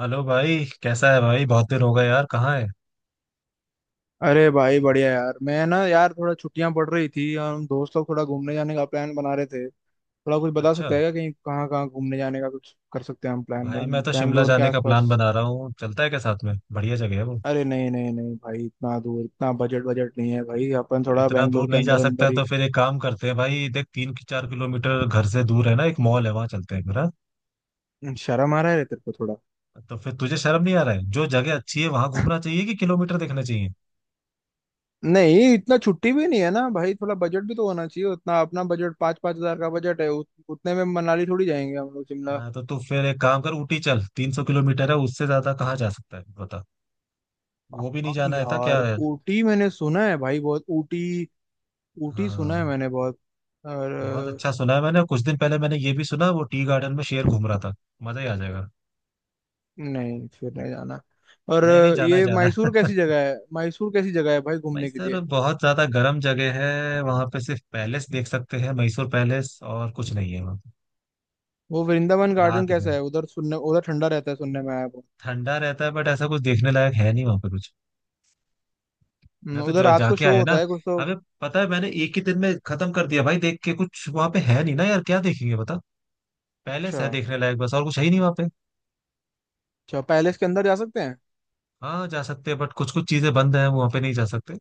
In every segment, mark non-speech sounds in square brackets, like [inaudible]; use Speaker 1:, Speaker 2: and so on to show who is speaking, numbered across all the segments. Speaker 1: Hello भाई, कैसा है भाई? बहुत दिन हो गए यार, कहाँ है?
Speaker 2: अरे भाई, बढ़िया यार। मैं ना यार थोड़ा छुट्टियां पड़ रही थी और हम दोस्त लोग थोड़ा घूमने जाने का प्लान बना रहे थे। थोड़ा कुछ बता
Speaker 1: अच्छा।
Speaker 2: सकते हैं क्या, कहीं कहाँ कहाँ घूमने जाने का कुछ कर सकते हैं हम? प्लान
Speaker 1: भाई
Speaker 2: प्लान
Speaker 1: मैं तो शिमला
Speaker 2: बैंगलोर के
Speaker 1: जाने का प्लान
Speaker 2: आसपास।
Speaker 1: बना रहा हूँ, चलता है क्या साथ में? बढ़िया जगह है वो।
Speaker 2: अरे नहीं नहीं नहीं भाई, इतना दूर, इतना बजट बजट नहीं है भाई, अपन
Speaker 1: तो
Speaker 2: थोड़ा
Speaker 1: इतना
Speaker 2: बैंगलोर
Speaker 1: दूर
Speaker 2: के
Speaker 1: नहीं जा
Speaker 2: अंदर
Speaker 1: सकता
Speaker 2: अंदर
Speaker 1: है
Speaker 2: ही।
Speaker 1: तो फिर एक काम करते हैं भाई। देख 3 4 किलोमीटर घर से दूर है ना एक मॉल है, वहाँ चलते हैं फिर, हाँ?
Speaker 2: शर्म आ रहा है तेरे को थोड़ा?
Speaker 1: तो फिर तुझे शर्म नहीं आ रहा है? जो जगह अच्छी है वहां घूमना चाहिए कि किलोमीटर देखना चाहिए।
Speaker 2: नहीं, इतना छुट्टी भी नहीं है ना भाई, थोड़ा बजट भी तो होना चाहिए उतना। अपना बजट 5-5 हज़ार का बजट है, उतने में मनाली थोड़ी जाएंगे हम लोग, शिमला।
Speaker 1: हाँ तो तू फिर एक काम कर, ऊटी चल। 300 किलोमीटर है, उससे ज्यादा कहाँ जा सकता है बता। वो भी नहीं
Speaker 2: हाँ
Speaker 1: जाना है था क्या
Speaker 2: यार,
Speaker 1: है।
Speaker 2: ऊटी मैंने सुना है भाई, बहुत। ऊटी ऊटी सुना है
Speaker 1: हाँ
Speaker 2: मैंने बहुत। और
Speaker 1: बहुत
Speaker 2: अ,
Speaker 1: अच्छा सुना है मैंने। कुछ दिन पहले मैंने ये भी सुना वो टी गार्डन में शेर घूम रहा था। मजा ही आ जाएगा।
Speaker 2: नहीं, फिर नहीं जाना। और
Speaker 1: नहीं नहीं
Speaker 2: अ,
Speaker 1: जाना है
Speaker 2: ये
Speaker 1: जाना
Speaker 2: मैसूर
Speaker 1: है।
Speaker 2: कैसी जगह है? मैसूर कैसी जगह है भाई
Speaker 1: [laughs]
Speaker 2: घूमने के
Speaker 1: मैसूर
Speaker 2: लिए?
Speaker 1: बहुत ज्यादा गर्म जगह है, वहां पे सिर्फ पैलेस देख सकते हैं, मैसूर पैलेस। और कुछ नहीं है वहां पे।
Speaker 2: वो वृंदावन गार्डन
Speaker 1: रात में
Speaker 2: कैसा है उधर, सुनने उधर ठंडा रहता है, सुनने में आया वो।
Speaker 1: ठंडा रहता है बट ऐसा कुछ देखने लायक है नहीं वहां पे कुछ। मैं तो
Speaker 2: उधर
Speaker 1: जो
Speaker 2: रात को
Speaker 1: जाके
Speaker 2: शो
Speaker 1: आया
Speaker 2: होता
Speaker 1: ना,
Speaker 2: है कुछ तो?
Speaker 1: हमें पता है, मैंने एक ही दिन में खत्म कर दिया भाई देख के। कुछ वहां पे है नहीं ना यार, क्या देखेंगे बता।
Speaker 2: अच्छा।
Speaker 1: पैलेस है देखने लायक बस, और कुछ है ही नहीं वहां पे।
Speaker 2: अच्छा, पैलेस के अंदर जा सकते हैं?
Speaker 1: हाँ जा सकते हैं बट कुछ कुछ चीजें बंद हैं वहां पे, नहीं जा सकते।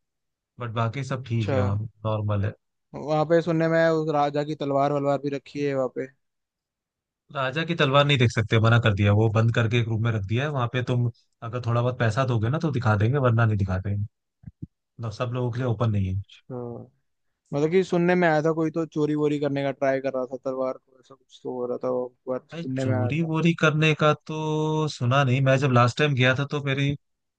Speaker 1: बट बाकी सब ठीक
Speaker 2: अच्छा।
Speaker 1: है वहाँ पे, नॉर्मल है।
Speaker 2: वहाँ पे सुनने में आया उस राजा की तलवार वलवार भी रखी है वहाँ पे।
Speaker 1: राजा की तलवार नहीं देख सकते, मना कर दिया। वो बंद करके एक रूम में रख दिया है वहां पे। तुम अगर थोड़ा बहुत पैसा दोगे ना तो दिखा देंगे वरना नहीं दिखाते हैं। मतलब सब लोगों के लिए ओपन नहीं है।
Speaker 2: अच्छा। मतलब कि सुनने में आया था, कोई तो चोरी वोरी करने का ट्राई कर रहा था तलवार को, ऐसा कुछ तो हो रहा था, वो एक बार
Speaker 1: भाई
Speaker 2: सुनने में आया
Speaker 1: चोरी
Speaker 2: था।
Speaker 1: वोरी करने का तो सुना नहीं। मैं जब लास्ट टाइम गया था तो मेरी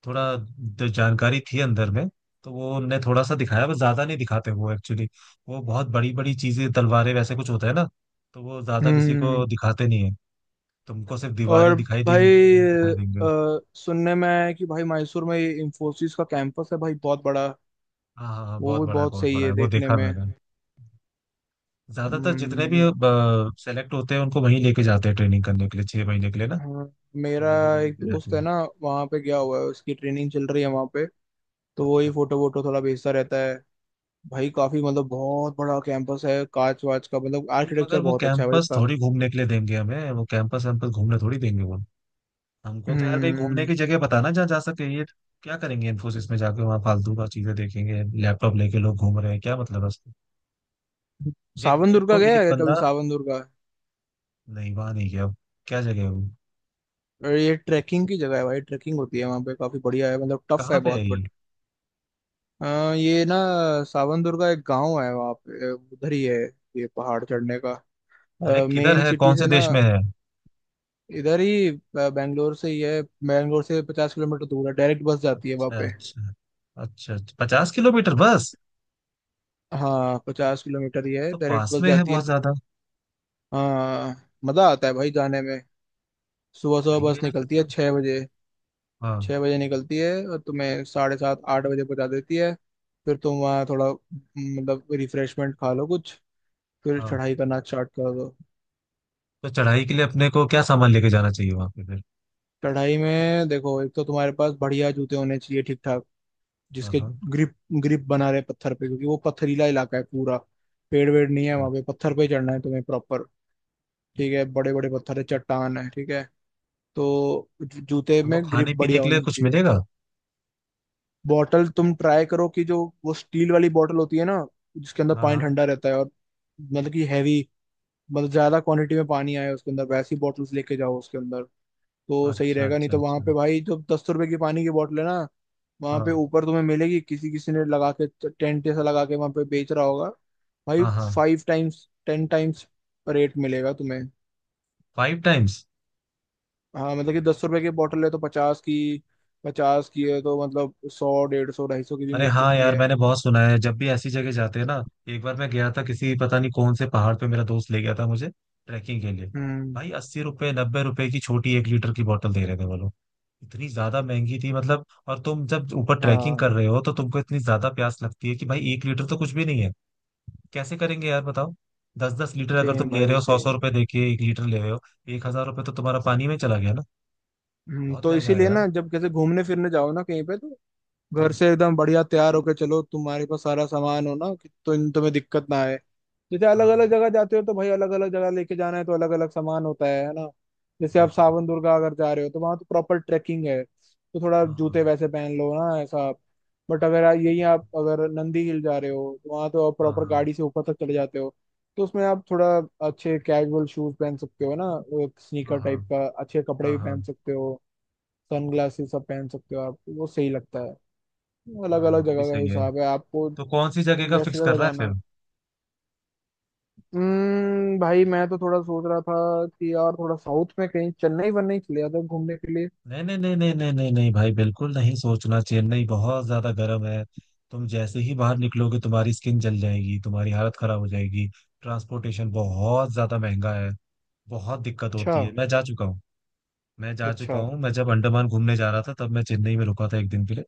Speaker 1: थोड़ा जानकारी थी अंदर में, तो वो उनने थोड़ा सा दिखाया बस। ज्यादा नहीं दिखाते वो एक्चुअली। वो बहुत बड़ी बड़ी चीजें, तलवारें वैसे कुछ होता है ना, तो वो ज्यादा किसी को
Speaker 2: हम्म।
Speaker 1: दिखाते नहीं है। तुमको सिर्फ
Speaker 2: और
Speaker 1: दीवारें दिखाई देंगी,
Speaker 2: भाई,
Speaker 1: दिखाई देंगे।
Speaker 2: सुनने में आया है कि भाई मैसूर में ये इंफोसिस का कैंपस है भाई, बहुत बड़ा।
Speaker 1: हाँ हाँ हाँ
Speaker 2: वो
Speaker 1: बहुत
Speaker 2: भी
Speaker 1: बड़ा है,
Speaker 2: बहुत
Speaker 1: बहुत
Speaker 2: सही
Speaker 1: बड़ा
Speaker 2: है
Speaker 1: है, वो
Speaker 2: देखने
Speaker 1: देखा
Speaker 2: में।
Speaker 1: मैंने। ज्यादातर जितने भी
Speaker 2: हम्म।
Speaker 1: सेलेक्ट होते हैं उनको वहीं लेके जाते हैं ट्रेनिंग करने के लिए, 6 महीने के लिए ना।
Speaker 2: हाँ,
Speaker 1: तो
Speaker 2: मेरा
Speaker 1: वो लोग वहीं
Speaker 2: एक
Speaker 1: पे रहते
Speaker 2: दोस्त है
Speaker 1: हैं।
Speaker 2: ना, वहाँ पे गया हुआ है, उसकी ट्रेनिंग चल रही है वहाँ पे। तो वो ही
Speaker 1: अच्छा।
Speaker 2: फोटो वोटो थोड़ा भेजता रहता है। भाई काफी, मतलब बहुत बड़ा कैंपस है, कांच वाच का मतलब
Speaker 1: भाई
Speaker 2: आर्किटेक्चर
Speaker 1: मगर वो
Speaker 2: बहुत अच्छा है भाई
Speaker 1: कैंपस
Speaker 2: इसका।
Speaker 1: थोड़ी घूमने के लिए देंगे हमें, वो कैंपस वैम्पस घूमने थोड़ी देंगे वो। हमको तो यार कहीं घूमने
Speaker 2: हम्म।
Speaker 1: की जगह बताना जहाँ जा सके ये। क्या करेंगे इन्फोसिस में जाके, वहाँ फालतू का चीजें देखेंगे? लैपटॉप लेके लोग घूम रहे हैं, क्या मतलब है उसका? देख
Speaker 2: सावन
Speaker 1: मेरे
Speaker 2: दुर्गा
Speaker 1: को
Speaker 2: गया
Speaker 1: एक
Speaker 2: है कभी?
Speaker 1: बंदा।
Speaker 2: सावन दुर्गा।
Speaker 1: नहीं वहां नहीं गया, क्या जगह है वो?
Speaker 2: और ये ट्रैकिंग की जगह है भाई, ट्रैकिंग होती है वहाँ पे, काफी बढ़िया है, मतलब टफ है
Speaker 1: कहाँ पे है
Speaker 2: बहुत।
Speaker 1: ये?
Speaker 2: अ, ये ना, सावन दुर्गा एक गांव है वहाँ पे, उधर ही है। ये पहाड़ चढ़ने का।
Speaker 1: अरे किधर
Speaker 2: मेन
Speaker 1: है,
Speaker 2: सिटी
Speaker 1: कौन से
Speaker 2: से ना,
Speaker 1: देश में है?
Speaker 2: इधर ही, बैंगलोर से ही है, बैंगलोर से 50 किलोमीटर दूर है, डायरेक्ट बस जाती है वहाँ
Speaker 1: अच्छा
Speaker 2: पे।
Speaker 1: अच्छा। अच्छा अच्छा। 50 किलोमीटर
Speaker 2: अच्छा,
Speaker 1: बस?
Speaker 2: हाँ 50 किलोमीटर ही है,
Speaker 1: तो
Speaker 2: डायरेक्ट
Speaker 1: पास
Speaker 2: बस
Speaker 1: में है
Speaker 2: जाती है।
Speaker 1: बहुत ज्यादा।
Speaker 2: हाँ, मजा आता है भाई जाने में। सुबह सुबह
Speaker 1: सही है
Speaker 2: बस
Speaker 1: यार फिर
Speaker 2: निकलती है
Speaker 1: तो।
Speaker 2: 6 बजे।
Speaker 1: हाँ
Speaker 2: 6 बजे निकलती है और तुम्हें साढ़े 7, 8 बजे पहुँचा देती है। फिर तुम वहाँ थोड़ा मतलब रिफ्रेशमेंट खा लो कुछ, फिर
Speaker 1: हाँ।
Speaker 2: चढ़ाई करना स्टार्ट कर दो।
Speaker 1: तो चढ़ाई के लिए अपने को क्या सामान लेके जाना चाहिए वहां पे फिर?
Speaker 2: कढ़ाई में देखो, एक तो तुम्हारे पास बढ़िया जूते होने चाहिए ठीक ठाक,
Speaker 1: हाँ
Speaker 2: जिसके
Speaker 1: हाँ।
Speaker 2: ग्रिप ग्रिप बना रहे पत्थर पे, क्योंकि वो पथरीला इलाका है पूरा। पेड़ वेड़ नहीं है
Speaker 1: चल।
Speaker 2: वहां पे, पत्थर पे चढ़ना है तुम्हें प्रॉपर। ठीक है, बड़े बड़े पत्थर है, चट्टान है, ठीक है। तो जूते
Speaker 1: अब वो
Speaker 2: में ग्रिप
Speaker 1: खाने पीने
Speaker 2: बढ़िया
Speaker 1: के लिए
Speaker 2: होनी
Speaker 1: कुछ
Speaker 2: चाहिए।
Speaker 1: मिलेगा?
Speaker 2: बॉटल तुम ट्राई करो कि जो वो स्टील वाली बॉटल होती है ना, जिसके अंदर पानी
Speaker 1: हाँ
Speaker 2: ठंडा रहता है, और मतलब कि हैवी, मतलब ज्यादा क्वांटिटी में पानी आए उसके अंदर, वैसी बॉटल्स लेके जाओ उसके अंदर तो
Speaker 1: हाँ,
Speaker 2: सही
Speaker 1: अच्छा
Speaker 2: रहेगा। नहीं
Speaker 1: अच्छा
Speaker 2: तो वहां
Speaker 1: अच्छा।
Speaker 2: पे भाई जो 10 रुपए की पानी की बोतल है ना, वहां पे
Speaker 1: हाँ
Speaker 2: ऊपर तुम्हें मिलेगी, किसी किसी ने लगा के टेंट ऐसा लगा के वहां पे बेच रहा होगा भाई।
Speaker 1: हाँ हाँ।
Speaker 2: 5 टाइम्स 10 टाइम्स रेट मिलेगा तुम्हें।
Speaker 1: 5 times?
Speaker 2: हाँ, मतलब कि 10 रुपए की बोतल है तो 50 की, 50 की है तो मतलब 100, 150, 250 की भी
Speaker 1: अरे
Speaker 2: मिल
Speaker 1: हाँ
Speaker 2: सकती
Speaker 1: यार,
Speaker 2: है।
Speaker 1: मैंने बहुत सुना है जब भी ऐसी जगह जाते हैं ना। एक बार मैं गया था किसी पता नहीं कौन से पहाड़ पे, मेरा दोस्त ले गया था मुझे ट्रैकिंग के लिए।
Speaker 2: हम्म।
Speaker 1: भाई 80 रुपए 90 रुपए की छोटी 1 लीटर की बोतल दे रहे थे वो लोग। इतनी ज्यादा महंगी थी मतलब। और तुम जब ऊपर ट्रैकिंग
Speaker 2: हाँ,
Speaker 1: कर रहे हो तो तुमको इतनी ज्यादा प्यास लगती है कि भाई 1 लीटर तो कुछ भी नहीं है। कैसे करेंगे यार बताओ। दस दस लीटर अगर
Speaker 2: सेम
Speaker 1: तुम ले रहे
Speaker 2: भाई
Speaker 1: हो, सौ सौ
Speaker 2: सेम।
Speaker 1: रुपए दे के 1 लीटर ले रहे हो, 1,000 रुपए तो तुम्हारा पानी में चला गया ना।
Speaker 2: हम्म,
Speaker 1: बहुत
Speaker 2: तो
Speaker 1: महंगा है
Speaker 2: इसीलिए
Speaker 1: यार।
Speaker 2: ना जब कैसे घूमने फिरने जाओ ना कहीं पे, तो घर
Speaker 1: हाँ
Speaker 2: से एकदम बढ़िया तैयार होके चलो, तुम्हारे पास सारा सामान हो ना कि, तो तुम्हें दिक्कत ना आए। जैसे अलग
Speaker 1: हाँ,
Speaker 2: अलग जगह जाते हो तो भाई, अलग अलग जगह लेके जाना है तो अलग अलग सामान होता है ना? जैसे
Speaker 1: वही
Speaker 2: आप
Speaker 1: तो।
Speaker 2: सावन दुर्गा अगर जा रहे हो तो वहां तो प्रॉपर ट्रैकिंग है, तो थोड़ा
Speaker 1: हाँ हाँ
Speaker 2: जूते वैसे पहन लो ना ऐसा। बट अगर यही आप अगर नंदी हिल जा रहे हो तो वहां तो आप
Speaker 1: हाँ।
Speaker 2: प्रॉपर
Speaker 1: हाँ
Speaker 2: गाड़ी से ऊपर तक चले जाते हो, तो उसमें आप थोड़ा अच्छे कैजुअल शूज पहन सकते हो ना,
Speaker 1: हाँ
Speaker 2: स्नीकर
Speaker 1: हाँ।
Speaker 2: टाइप का, अच्छे कपड़े
Speaker 1: हाँ
Speaker 2: भी
Speaker 1: हाँ
Speaker 2: पहन सकते हो, सनग्लासेस सब पहन सकते हो आप, वो सही लगता है। अलग
Speaker 1: हाँ।
Speaker 2: अलग
Speaker 1: वो भी
Speaker 2: जगह का
Speaker 1: सही है।
Speaker 2: हिसाब है आपको,
Speaker 1: तो कौन सी जगह का
Speaker 2: जैसे
Speaker 1: फिक्स कर
Speaker 2: जगह
Speaker 1: रहा है
Speaker 2: जाना है।
Speaker 1: फिर?
Speaker 2: हम्म, भाई मैं तो थोड़ा सोच रहा था कि यार थोड़ा साउथ में कहीं चेन्नई वन्नई चले जाता घूमने के लिए।
Speaker 1: नहीं नहीं नहीं नहीं नहीं नहीं नहीं भाई, बिल्कुल नहीं सोचना। चेन्नई बहुत ज्यादा गर्म है, तुम जैसे ही बाहर निकलोगे तुम्हारी स्किन जल जाएगी, तुम्हारी हालत खराब हो जाएगी। ट्रांसपोर्टेशन बहुत ज्यादा महंगा है। बहुत दिक्कत
Speaker 2: अच्छा,
Speaker 1: होती है, मैं जा चुका हूँ। मैं जा
Speaker 2: अच्छा।
Speaker 1: चुका हूँ, मैं जब अंडमान घूमने जा रहा था तब मैं चेन्नई में रुका था एक दिन के लिए।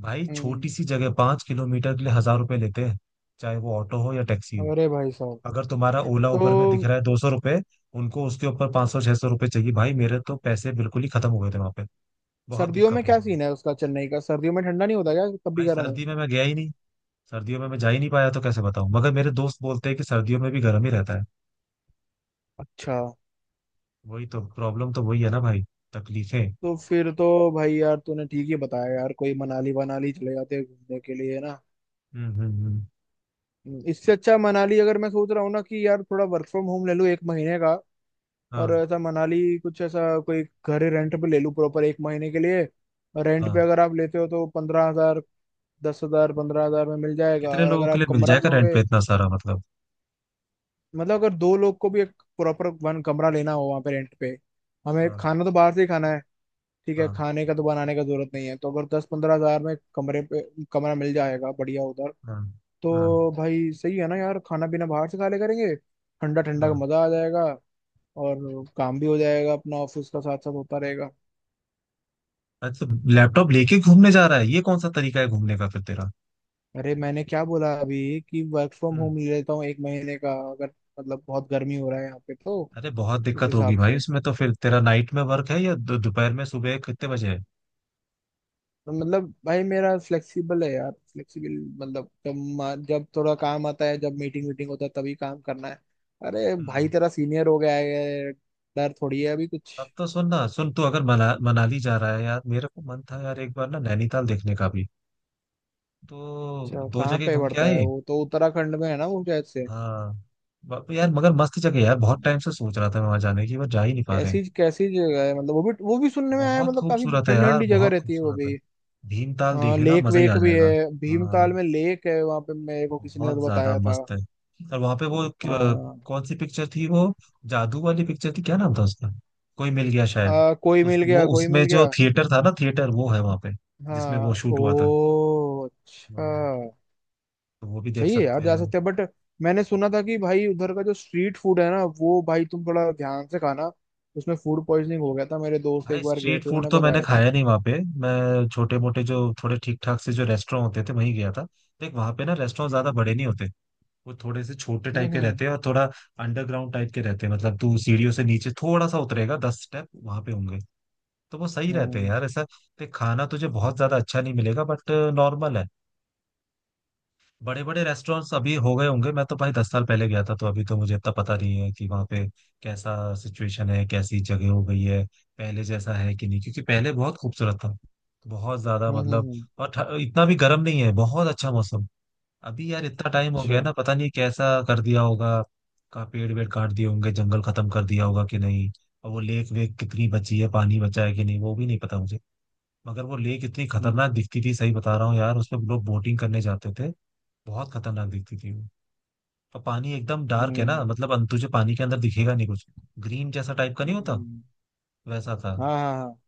Speaker 1: भाई छोटी
Speaker 2: हम्म।
Speaker 1: सी जगह, 5 किलोमीटर के लिए हजार रुपए लेते हैं, चाहे वो ऑटो हो या टैक्सी हो।
Speaker 2: अरे भाई साहब!
Speaker 1: अगर तुम्हारा ओला उबर में दिख
Speaker 2: तो
Speaker 1: रहा है 200 रुपये, उनको उसके ऊपर 500 600 रुपये चाहिए। भाई मेरे तो पैसे बिल्कुल ही खत्म हो गए थे वहां पे, बहुत
Speaker 2: सर्दियों में
Speaker 1: दिक्कत हुई
Speaker 2: क्या
Speaker 1: थी।
Speaker 2: सीन है उसका, चेन्नई का सर्दियों में ठंडा नहीं होता क्या, कभी
Speaker 1: भाई
Speaker 2: गर्म है?
Speaker 1: सर्दी में मैं गया ही नहीं, सर्दियों में मैं जा ही नहीं पाया, तो कैसे बताऊं? मगर मेरे दोस्त बोलते हैं कि सर्दियों में भी गर्म ही रहता है।
Speaker 2: अच्छा।
Speaker 1: वही तो प्रॉब्लम, तो वही है ना भाई। तकलीफें।
Speaker 2: तो फिर तो भाई, यार तूने ठीक ही बताया यार, कोई मनाली वनाली चले जाते हैं घूमने के लिए ना।
Speaker 1: हम्म।
Speaker 2: इससे अच्छा मनाली। अगर मैं सोच रहा हूँ ना कि यार थोड़ा वर्क फ्रॉम होम ले लूँ एक महीने का, और
Speaker 1: हाँ
Speaker 2: ऐसा मनाली कुछ ऐसा, कोई घर रेंट पे ले लूँ प्रॉपर एक महीने के लिए। और रेंट
Speaker 1: हाँ।
Speaker 2: पे अगर आप लेते हो तो 15,000, 10,000 15,000 में मिल जाएगा।
Speaker 1: कितने
Speaker 2: और
Speaker 1: लोगों
Speaker 2: अगर
Speaker 1: के
Speaker 2: आप
Speaker 1: लिए मिल
Speaker 2: कमरा
Speaker 1: जाएगा रेंट
Speaker 2: लोगे,
Speaker 1: पे इतना सारा, मतलब?
Speaker 2: मतलब अगर दो लोग को भी एक प्रॉपर वन कमरा लेना हो वहाँ पे रेंट पे, हमें
Speaker 1: हाँ
Speaker 2: खाना तो बाहर से ही खाना है, ठीक है,
Speaker 1: हाँ
Speaker 2: खाने का तो बनाने का जरूरत नहीं है, तो अगर 10-15 हज़ार में कमरे पे कमरा मिल जाएगा बढ़िया उधर,
Speaker 1: हाँ हाँ
Speaker 2: तो भाई सही है ना यार, खाना पीना बाहर से खा ले करेंगे, ठंडा ठंडा का
Speaker 1: हाँ।
Speaker 2: मजा आ जाएगा। और काम भी हो जाएगा अपना, ऑफिस का साथ साथ होता रहेगा।
Speaker 1: अच्छा। लैपटॉप लेके घूमने जा रहा है, ये कौन सा तरीका है घूमने का फिर तेरा?
Speaker 2: अरे मैंने क्या बोला अभी कि वर्क फ्रॉम
Speaker 1: हम्म।
Speaker 2: होम ले लेता हूँ एक महीने का, अगर मतलब बहुत गर्मी हो रहा है यहाँ पे तो
Speaker 1: अरे बहुत
Speaker 2: उस
Speaker 1: दिक्कत होगी
Speaker 2: हिसाब
Speaker 1: भाई
Speaker 2: से।
Speaker 1: उसमें तो। फिर तेरा नाइट में वर्क है या दोपहर में, सुबह कितने बजे है?
Speaker 2: तो मतलब भाई मेरा फ्लेक्सिबल है यार, फ्लेक्सिबल, मतलब जब जब थोड़ा काम आता है, जब मीटिंग वीटिंग होता है तभी काम करना है। अरे
Speaker 1: हम्म,
Speaker 2: भाई तेरा सीनियर हो गया है, डर थोड़ी है अभी कुछ।
Speaker 1: तब तो सुन ना, सुन तू अगर मनाली जा रहा है यार, मेरे को मन था यार एक बार ना नैनीताल देखने का भी, तो
Speaker 2: अच्छा,
Speaker 1: दो
Speaker 2: कहाँ
Speaker 1: जगह
Speaker 2: पे
Speaker 1: घूम के
Speaker 2: पड़ता है
Speaker 1: आए।
Speaker 2: वो, तो उत्तराखंड में है ना वो शायद से?
Speaker 1: हाँ। यार मगर मस्त जगह है यार, बहुत टाइम से सोच रहा था मैं वहां जाने की बट जा ही नहीं पा रहे हैं।
Speaker 2: कैसी कैसी जगह है, मतलब वो भी सुनने में आया है,
Speaker 1: बहुत
Speaker 2: मतलब काफी
Speaker 1: खूबसूरत है
Speaker 2: ठंडी
Speaker 1: यार,
Speaker 2: ठंडी जगह
Speaker 1: बहुत
Speaker 2: रहती है वो
Speaker 1: खूबसूरत है।
Speaker 2: भी।
Speaker 1: भीमताल
Speaker 2: हाँ,
Speaker 1: देखे ना
Speaker 2: लेक
Speaker 1: मजा ही आ
Speaker 2: वेक भी
Speaker 1: जाएगा।
Speaker 2: है, भीमताल
Speaker 1: हाँ,
Speaker 2: में लेक है वहां पे, मेरे को किसी ने
Speaker 1: बहुत
Speaker 2: तो
Speaker 1: ज्यादा
Speaker 2: बताया था।
Speaker 1: मस्त है। और वहां पे वो
Speaker 2: हाँ।
Speaker 1: कौन सी पिक्चर थी वो, जादू वाली पिक्चर थी, क्या नाम था उसका? कोई मिल गया शायद।
Speaker 2: कोई
Speaker 1: उस
Speaker 2: मिल
Speaker 1: वो
Speaker 2: गया, कोई
Speaker 1: उसमें
Speaker 2: मिल
Speaker 1: जो
Speaker 2: गया।
Speaker 1: थिएटर था ना, थिएटर वो है वहां पे जिसमें वो
Speaker 2: हाँ
Speaker 1: शूट हुआ था।
Speaker 2: ओ अच्छा।
Speaker 1: हाँ, तो वो भी देख
Speaker 2: सही है यार,
Speaker 1: सकते
Speaker 2: जा
Speaker 1: हैं।
Speaker 2: सकते हैं, बट मैंने सुना था कि भाई उधर का जो स्ट्रीट फूड है ना, वो भाई तुम थोड़ा ध्यान से खाना, उसमें फूड पॉइजनिंग हो गया था, मेरे दोस्त
Speaker 1: भाई
Speaker 2: एक बार गए
Speaker 1: स्ट्रीट
Speaker 2: थे
Speaker 1: फूड
Speaker 2: उन्होंने
Speaker 1: तो मैंने
Speaker 2: बताया था।
Speaker 1: खाया नहीं वहां पे। मैं छोटे मोटे जो थोड़े ठीक ठाक से जो रेस्टोरेंट होते थे वहीं गया था। देख वहां पे ना रेस्टोरेंट ज्यादा
Speaker 2: हम्म।
Speaker 1: बड़े नहीं होते। वो थोड़े से छोटे
Speaker 2: हम्म।
Speaker 1: टाइप के
Speaker 2: हम्म।
Speaker 1: रहते हैं और थोड़ा अंडरग्राउंड टाइप के रहते हैं। मतलब तू सीढ़ियों से नीचे थोड़ा सा उतरेगा, 10 स्टेप वहां पे होंगे, तो वो सही रहते हैं
Speaker 2: हम्म।
Speaker 1: यार ऐसा। ते खाना तुझे बहुत ज्यादा अच्छा नहीं मिलेगा बट नॉर्मल है। बड़े बड़े रेस्टोरेंट्स अभी हो गए होंगे, मैं तो भाई 10 साल पहले गया था, तो अभी तो मुझे इतना पता नहीं है कि वहाँ पे कैसा सिचुएशन है, कैसी जगह हो गई है, पहले जैसा है कि नहीं, क्योंकि पहले बहुत खूबसूरत था, बहुत ज्यादा
Speaker 2: हम्म।
Speaker 1: मतलब,
Speaker 2: हम्म।
Speaker 1: और इतना भी गर्म नहीं है, बहुत अच्छा मौसम। अभी यार इतना टाइम हो
Speaker 2: अच्छा।
Speaker 1: गया ना, पता नहीं कैसा कर दिया होगा, का पेड़ वेड़ काट दिए होंगे, जंगल खत्म कर दिया होगा कि नहीं, और वो लेक वेक कितनी बची है, पानी बचा है कि नहीं वो भी नहीं पता मुझे। मगर वो लेक इतनी
Speaker 2: हम्म।
Speaker 1: खतरनाक दिखती थी, सही बता रहा हूँ यार, उसमें लोग बोटिंग करने जाते थे। बहुत खतरनाक दिखती थी वो। और पानी एकदम डार्क है ना,
Speaker 2: हम्म।
Speaker 1: मतलब तुझे पानी के अंदर दिखेगा नहीं कुछ, ग्रीन जैसा टाइप का नहीं होता,
Speaker 2: हम्म।
Speaker 1: वैसा था।
Speaker 2: हाँ हाँ हाँ।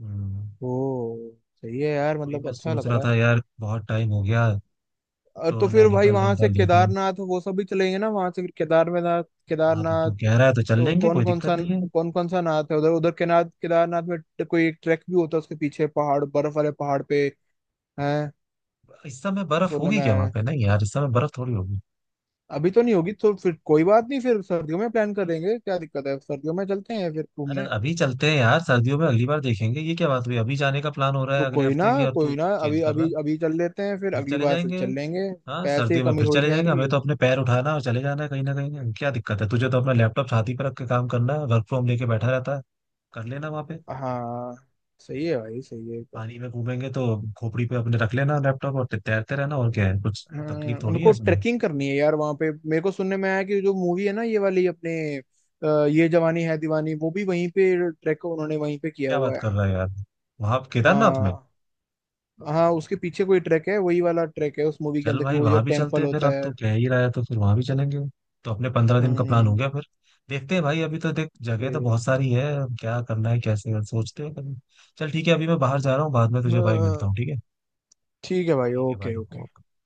Speaker 1: हम्म,
Speaker 2: ओ सही है यार,
Speaker 1: वही
Speaker 2: मतलब
Speaker 1: मैं
Speaker 2: अच्छा
Speaker 1: सोच
Speaker 2: लग
Speaker 1: रहा
Speaker 2: रहा
Speaker 1: था
Speaker 2: है।
Speaker 1: यार, बहुत टाइम हो गया।
Speaker 2: और
Speaker 1: तो
Speaker 2: तो फिर भाई
Speaker 1: नैनीताल
Speaker 2: वहां से
Speaker 1: वैनीताल देखे।
Speaker 2: केदारनाथ वो सब भी चलेंगे ना, वहां से फिर केदारनाथ।
Speaker 1: हाँ तो
Speaker 2: केदारनाथ।
Speaker 1: तू कह रहा है तो चल
Speaker 2: तो
Speaker 1: लेंगे,
Speaker 2: कौन
Speaker 1: कोई
Speaker 2: कौन
Speaker 1: दिक्कत
Speaker 2: सा
Speaker 1: नहीं है।
Speaker 2: कौन कौन सा नाथ है उधर उधर केनाथ केदारनाथ में कोई एक ट्रैक भी होता है उसके पीछे पहाड़, बर्फ वाले पहाड़ पे है।
Speaker 1: इस समय बर्फ
Speaker 2: सुनने
Speaker 1: होगी
Speaker 2: में
Speaker 1: क्या
Speaker 2: आया
Speaker 1: वहां
Speaker 2: है।
Speaker 1: पे? नहीं यार इस समय बर्फ थोड़ी होगी।
Speaker 2: अभी तो नहीं होगी, तो फिर कोई बात नहीं, फिर सर्दियों में प्लान करेंगे, क्या दिक्कत है, सर्दियों में चलते हैं फिर
Speaker 1: अरे
Speaker 2: घूमने।
Speaker 1: अभी चलते हैं यार, सर्दियों में अगली बार देखेंगे, ये क्या बात हुई? अभी जाने का प्लान हो रहा है
Speaker 2: तो
Speaker 1: अगले
Speaker 2: कोई ना,
Speaker 1: हफ्ते की और
Speaker 2: कोई
Speaker 1: तू
Speaker 2: ना,
Speaker 1: चेंज
Speaker 2: अभी
Speaker 1: कर रहा
Speaker 2: अभी
Speaker 1: है।
Speaker 2: अभी चल लेते हैं, फिर
Speaker 1: फिर
Speaker 2: अगली
Speaker 1: चले
Speaker 2: बार फिर
Speaker 1: जाएंगे।
Speaker 2: चल लेंगे।
Speaker 1: हाँ
Speaker 2: पैसे की
Speaker 1: सर्दियों में
Speaker 2: कमी
Speaker 1: फिर
Speaker 2: थोड़ी
Speaker 1: चले
Speaker 2: ठहर
Speaker 1: जाएंगे।
Speaker 2: रही
Speaker 1: हमें
Speaker 2: है।
Speaker 1: तो अपने पैर उठाना है और चले जाना है कहीं ना कहीं, क्या दिक्कत है? तुझे तो अपना लैपटॉप छाती पर रख के काम करना है, वर्क फ्रॉम लेके बैठा रहता है। कर लेना वहां पे।
Speaker 2: हाँ सही है भाई, सही है।
Speaker 1: पानी में घूमेंगे तो खोपड़ी पे अपने रख लेना लैपटॉप और तैरते रहना, और क्या है? कुछ
Speaker 2: हाँ,
Speaker 1: तकलीफ
Speaker 2: मेरे
Speaker 1: थोड़ी है
Speaker 2: को
Speaker 1: इसमें।
Speaker 2: ट्रेकिंग करनी है यार वहां पे, मेरे को सुनने में आया कि जो मूवी है ना ये वाली अपने, ये जवानी है दीवानी, वो भी वहीं पे ट्रैक उन्होंने वहीं पे किया
Speaker 1: क्या बात
Speaker 2: हुआ है।
Speaker 1: कर रहा है यार, वहां केदारनाथ में?
Speaker 2: हाँ, हाँ उसके पीछे कोई ट्रैक है, वही वाला ट्रैक है उस मूवी के
Speaker 1: चल
Speaker 2: अंदर की,
Speaker 1: भाई
Speaker 2: वो जो
Speaker 1: वहां भी चलते
Speaker 2: टेम्पल
Speaker 1: हैं फिर,
Speaker 2: होता
Speaker 1: अब
Speaker 2: है।
Speaker 1: तो कह ही रहा है तो फिर वहां भी चलेंगे। तो अपने 15 दिन का प्लान हो
Speaker 2: हम्म।
Speaker 1: गया फिर। देखते हैं भाई, अभी तो देख जगह तो
Speaker 2: सही है।
Speaker 1: बहुत सारी है, अब क्या करना है कैसे सोचते हैं कभी। चल ठीक है, अभी मैं बाहर जा रहा हूँ, बाद में तुझे भाई मिलता
Speaker 2: हाँ
Speaker 1: हूँ, ठीक है?
Speaker 2: ठीक है भाई,
Speaker 1: ठीक है
Speaker 2: ओके
Speaker 1: भाई,
Speaker 2: ओके।
Speaker 1: ओके।